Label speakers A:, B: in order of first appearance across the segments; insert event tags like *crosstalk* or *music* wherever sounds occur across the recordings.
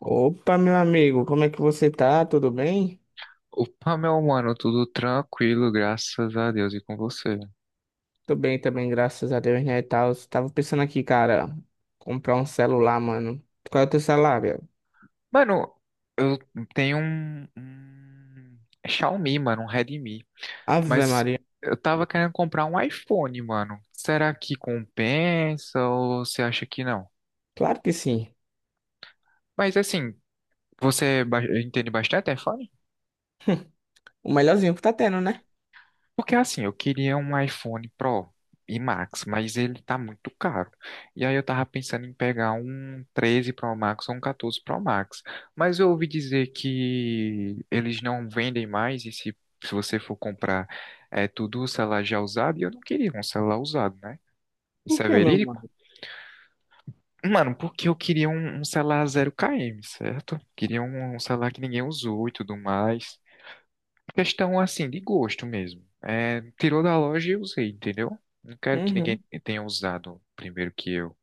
A: Opa, meu amigo, como é que você tá? Tudo bem?
B: Opa, meu mano, tudo tranquilo, graças a Deus e com você.
A: Tô bem também, graças a Deus, né, e tal. Tava pensando aqui, cara, comprar um celular, mano. Qual é o teu salário?
B: Mano, eu tenho um Xiaomi, mano, um Redmi,
A: Ave
B: mas
A: Maria.
B: eu tava querendo comprar um iPhone, mano. Será que compensa ou você acha que não?
A: Claro que sim.
B: Mas assim, você entende bastante iPhone?
A: *laughs* O melhorzinho que tá tendo, né?
B: Porque assim, eu queria um iPhone Pro e Max, mas ele tá muito caro. E aí eu tava pensando em pegar um 13 Pro Max ou um 14 Pro Max. Mas eu ouvi dizer que eles não vendem mais e se você for comprar é tudo o celular já usado, e eu não queria um celular usado, né?
A: Por
B: Isso é
A: quê, meu
B: verídico?
A: mano?
B: Mano, porque eu queria um celular zero km, certo? Queria um celular que ninguém usou e tudo mais. Questão assim de gosto mesmo. É, tirou da loja e usei, entendeu? Não quero que ninguém
A: Uhum.
B: tenha usado primeiro que eu.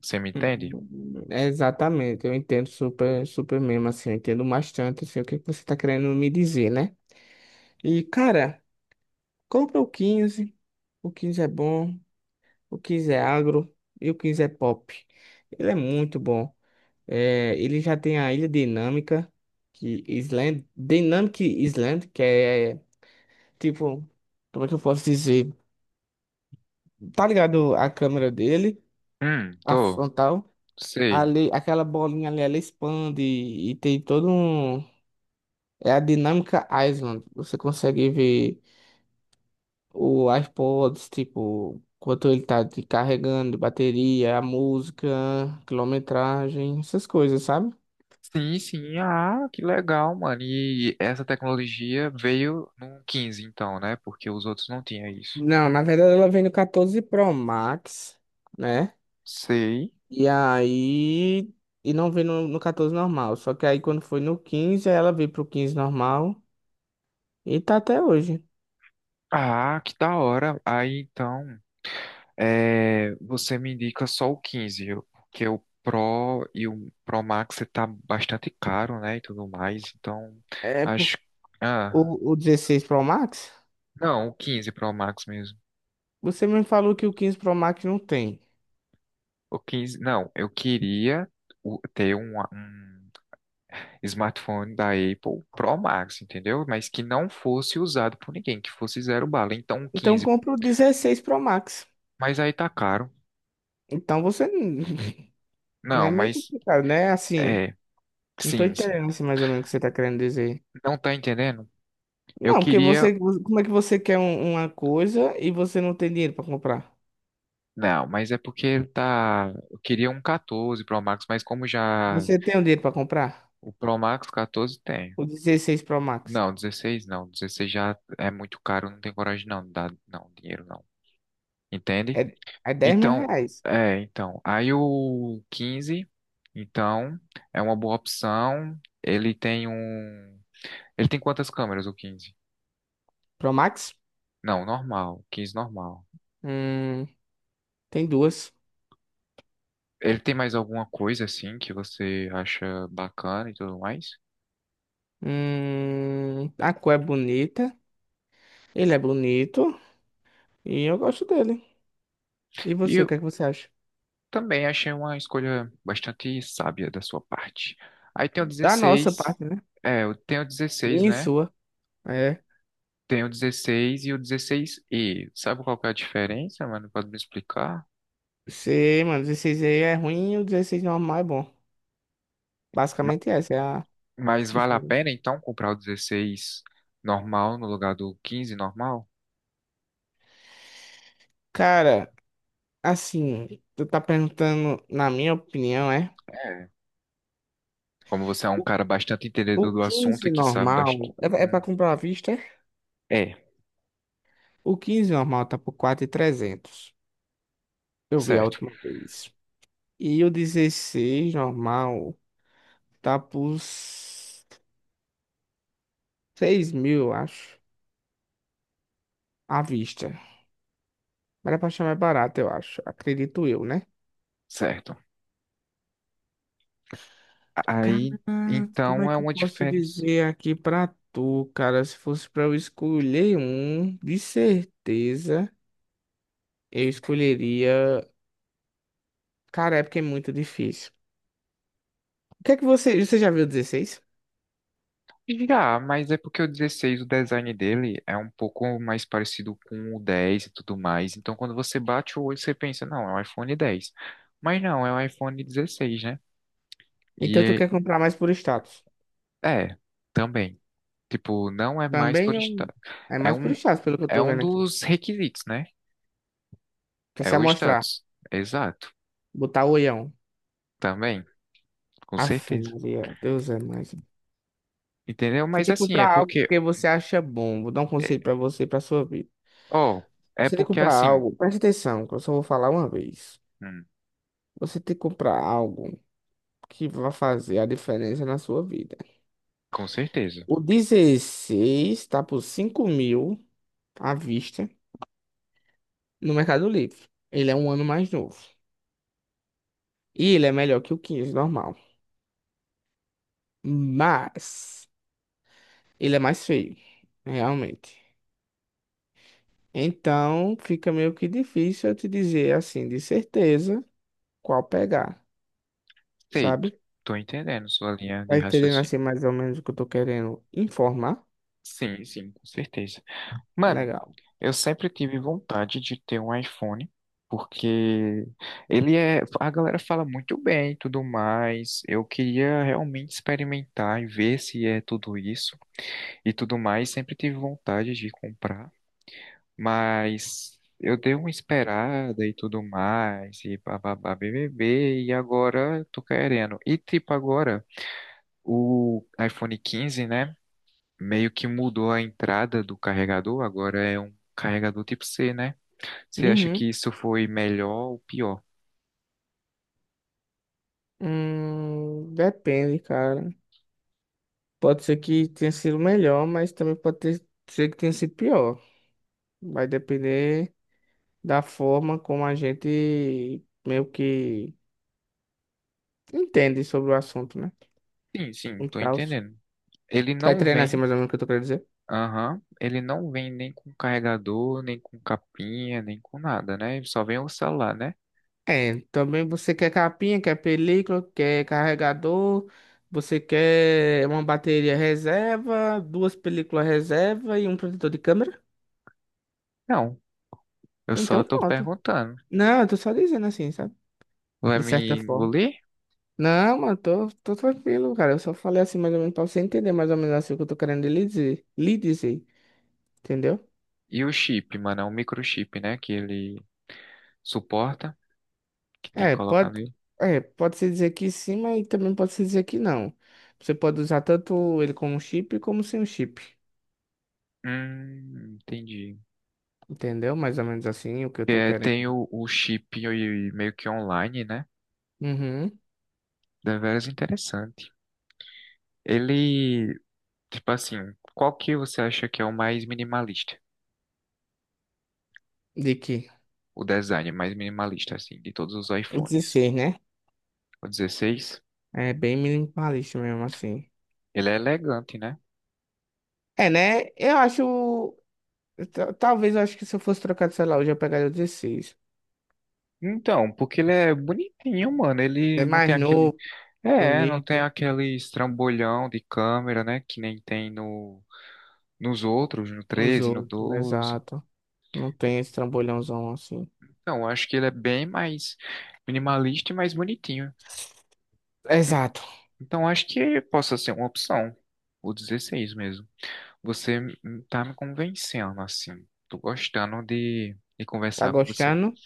B: Você me entende?
A: Uhum. É, exatamente, eu entendo super, super mesmo, assim, eu entendo bastante, assim, o que é que você tá querendo me dizer, né? E, cara, compra o 15, o 15 é bom, o 15 é agro e o 15 é pop. Ele é muito bom. É, ele já tem a Ilha Dinâmica, que Island, Dynamic Island, que é tipo, como é que eu posso dizer? Tá ligado a câmera dele, a
B: Tô.
A: frontal,
B: Sei.
A: ali, aquela bolinha ali, ela expande e tem todo um. É a Dinâmica Island. Você consegue ver o iPods, tipo, quanto ele tá te carregando, bateria, a música, quilometragem, essas coisas, sabe?
B: Sim, sim. Ah, que legal, mano. E essa tecnologia veio no 15 então, né? Porque os outros não tinham isso.
A: Não, na verdade ela vem no 14 Pro Max, né?
B: Sei.
A: E aí. E não veio no 14 normal. Só que aí quando foi no 15, ela veio pro 15 normal. E tá até hoje.
B: Ah, que da hora. Aí então. É, você me indica só o 15, porque o Pro e o Pro Max tá bastante caro, né, e tudo mais. Então,
A: É por,
B: acho... Ah,
A: o 16 Pro Max?
B: não, o 15 Pro Max mesmo.
A: Você me falou que o 15 Pro Max não tem.
B: O 15, não, eu queria ter um smartphone da Apple Pro Max, entendeu? Mas que não fosse usado por ninguém, que fosse zero bala. Então, o
A: Então
B: 15.
A: compra o 16 Pro Max.
B: Mas aí tá caro.
A: Então você. *laughs* É
B: Não,
A: meio
B: mas...
A: complicado, né? Assim.
B: É,
A: Não tô
B: sim, sim.
A: entendendo assim, mais ou menos o que você tá querendo dizer.
B: Não tá entendendo? Eu
A: Não, porque
B: queria
A: você. Como é que você quer uma coisa e você não tem dinheiro pra comprar?
B: Não, mas é porque ele tá. Eu queria um 14 Pro Max, mas como já.
A: Você tem o dinheiro pra comprar?
B: O Pro Max 14 tem.
A: O 16 Pro Max.
B: Não, 16 não. 16 já é muito caro, não tem coragem não. Dá, não, dinheiro não.
A: É,
B: Entende?
A: é 10 mil
B: Então,
A: reais.
B: é, então. Aí o 15, então, é uma boa opção. Ele tem um. Ele tem quantas câmeras, o 15?
A: Pro Max?
B: Não, normal. 15 normal.
A: Hum, tem duas.
B: Ele tem mais alguma coisa assim que você acha bacana e tudo mais?
A: A cor é bonita. Ele é bonito. E eu gosto dele. E você,
B: E,
A: o que é que você acha?
B: também achei uma escolha bastante sábia da sua parte. Aí tem o
A: Da nossa
B: 16,
A: parte, né?
B: é, eu tenho o 16,
A: Minha e
B: né?
A: sua. É.
B: Tem o 16 e o 16E. Sabe qual que é a diferença, mano? Pode me explicar?
A: Você, mano, 16 aí é ruim e o 16 normal é bom.
B: Ma-
A: Basicamente essa é a
B: Mas vale a
A: diferença.
B: pena então comprar o 16 normal no lugar do 15 normal?
A: Cara, assim, tu tá perguntando, na minha opinião, é.
B: É. Como você é um
A: O
B: cara bastante
A: o
B: entendedor do assunto e
A: 15
B: que sabe bastante.
A: normal é pra comprar à vista? É?
B: É,
A: O 15 normal tá por 4.300. Eu vi a
B: certo,
A: última vez. E o 16 normal tá por 6.000, eu acho. À vista. Mas é pra achar mais barato, eu acho. Acredito eu, né?
B: certo.
A: Cara,
B: Aí,
A: como
B: então
A: é
B: é
A: que eu
B: uma
A: posso
B: diferença.
A: dizer aqui pra tu, cara? Se fosse pra eu escolher um, de certeza eu escolheria. Cara, é porque é muito difícil. O que é que você. Você já viu o 16?
B: Já, mas é porque o 16, o design dele é um pouco mais parecido com o 10 e tudo mais. Então, quando você bate o olho, você pensa, não, é um iPhone 10. Mas não, é um iPhone 16, né?
A: Então tu
B: E
A: quer comprar mais por status?
B: é, também. Tipo, não é mais
A: Também
B: por
A: eu...
B: status.
A: é
B: É
A: mais por
B: um,
A: status, pelo que eu
B: é
A: tô
B: um
A: vendo aqui.
B: dos requisitos, né?
A: Quer
B: É
A: se
B: o
A: amostrar?
B: status. Exato.
A: Botar o olhão.
B: Também, com
A: Aff,
B: certeza.
A: Maria, Deus é mais.
B: Entendeu?
A: Você
B: Mas
A: tem que
B: assim, é
A: comprar algo
B: porque.
A: porque você acha bom. Vou dar um conselho
B: é-
A: pra você e pra sua vida.
B: Ó, é
A: Você tem que
B: porque
A: comprar
B: assim.
A: algo, preste atenção, que eu só vou falar uma vez.
B: Hum,
A: Você tem que comprar algo que vai fazer a diferença na sua vida.
B: com certeza.
A: O 16 tá por 5.000 à vista no Mercado Livre. Ele é um ano mais novo. E ele é melhor que o 15 normal. Mas ele é mais feio, realmente. Então, fica meio que difícil eu te dizer assim, de certeza, qual pegar,
B: Sei,
A: sabe?
B: tô entendendo sua linha de
A: Vai entendendo
B: raciocínio.
A: assim mais ou menos o que eu tô querendo informar?
B: Sim, sim, com certeza. Mano,
A: Legal.
B: eu sempre tive vontade de ter um iPhone, porque ele é. A galera fala muito bem e tudo mais. Eu queria realmente experimentar e ver se é tudo isso e tudo mais. Sempre tive vontade de comprar, mas eu dei uma esperada e tudo mais, e bababá, BBB, e agora eu tô querendo. E tipo, agora o iPhone 15, né? Meio que mudou a entrada do carregador, agora é um carregador tipo C, né? Você acha
A: Uhum.
B: que isso foi melhor ou pior?
A: Depende, cara. Pode ser que tenha sido melhor, mas também pode ser que tenha sido pior. Vai depender da forma como a gente meio que entende sobre o assunto, né?
B: Sim, sim,
A: E
B: tô
A: tal.
B: entendendo. Ele
A: Tá
B: não
A: entendendo assim
B: vem,
A: mais ou menos o que eu tô querendo dizer?
B: Aham, ele não vem nem com carregador, nem com capinha, nem com nada, né? Só vem o celular, né?
A: É, também você quer capinha, quer película, quer carregador, você quer uma bateria reserva, duas películas reserva e um protetor de câmera?
B: Não, eu
A: Então
B: só tô
A: pronto.
B: perguntando.
A: Não, eu tô só dizendo assim, sabe?
B: Vai
A: De
B: me
A: certa forma.
B: engolir?
A: Não, mano, tô tranquilo, cara. Eu só falei assim mais ou menos pra você entender mais ou menos assim o que eu tô querendo lhe dizer, entendeu?
B: E o chip, mano, é um microchip, né? Que ele suporta, que tem que
A: É,
B: colocar
A: pode,
B: nele.
A: é, pode se dizer que sim, mas também pode se dizer que não. Você pode usar tanto ele como um chip como sem o chip.
B: Entendi.
A: Entendeu? Mais ou menos assim o que eu
B: Que
A: tô
B: é, tem
A: querendo.
B: o chip e meio que online, né?
A: Uhum.
B: Deveras interessante. Ele, tipo assim, qual que você acha que é o mais minimalista?
A: De que?
B: O design mais minimalista, assim, de todos os
A: O
B: iPhones.
A: dezesseis, né?
B: O 16,
A: É bem minimalista mesmo assim.
B: ele é elegante, né?
A: É, né? Eu acho. Talvez eu acho que se eu fosse trocar de celular hoje eu pegaria o 16.
B: Então, porque ele é bonitinho, mano.
A: É
B: Ele não tem
A: mais
B: aquele.
A: novo,
B: É, não tem
A: bonito,
B: aquele estrambolhão de câmera, né? Que nem tem nos outros, no
A: nos
B: treze, no
A: outros,
B: doze.
A: exato. Não tem esse trambolhãozão assim.
B: Então, eu acho que ele é bem mais minimalista e mais bonitinho.
A: Exato.
B: Então acho que possa ser uma opção. O 16 mesmo. Você tá me convencendo, assim. Tô gostando de
A: Tá
B: conversar com você.
A: gostando?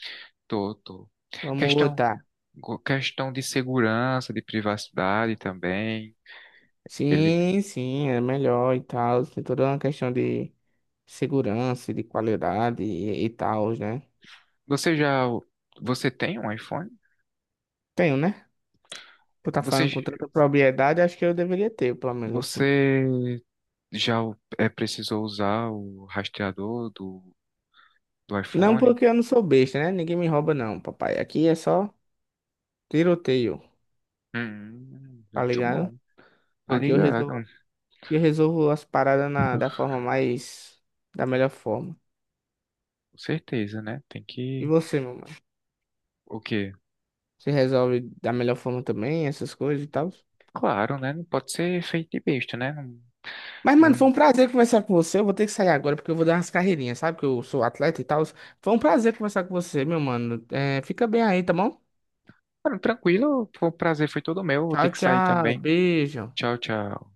B: Tô, tô.
A: Vamos
B: Questão,
A: botar.
B: questão de segurança, de privacidade também. Ele,
A: Sim, sim, é melhor e tal. Tem toda uma questão de segurança, de qualidade e tal, né?
B: você já, Você tem um iPhone?
A: Tenho, né? Por estar
B: Você,
A: falando com
B: j-
A: tanta propriedade, acho que eu deveria ter, pelo menos assim.
B: Você já precisou usar o rastreador do
A: Não
B: iPhone?
A: porque eu não sou besta, né? Ninguém me rouba, não, papai. Aqui é só tiroteio, tá
B: Muito
A: ligado?
B: bom. Tô
A: Aqui eu
B: ligado,
A: resolvo, aqui eu resolvo as paradas na, da forma mais, da melhor forma.
B: com certeza, né? Tem
A: E
B: que,
A: você, meu mano?
B: o quê?
A: Você resolve da melhor forma também, essas coisas e tal?
B: Claro, né? Não pode ser feito de besta, né? Não,
A: Mas, mano,
B: não...
A: foi um prazer conversar com você. Eu vou ter que sair agora porque eu vou dar umas carreirinhas, sabe? Que eu sou atleta e tal. Foi um prazer conversar com você, meu mano. É, fica bem aí, tá bom?
B: Mano, tranquilo, o prazer foi todo meu. Vou ter
A: Tchau,
B: que sair
A: tchau.
B: também.
A: Beijo.
B: Tchau, tchau.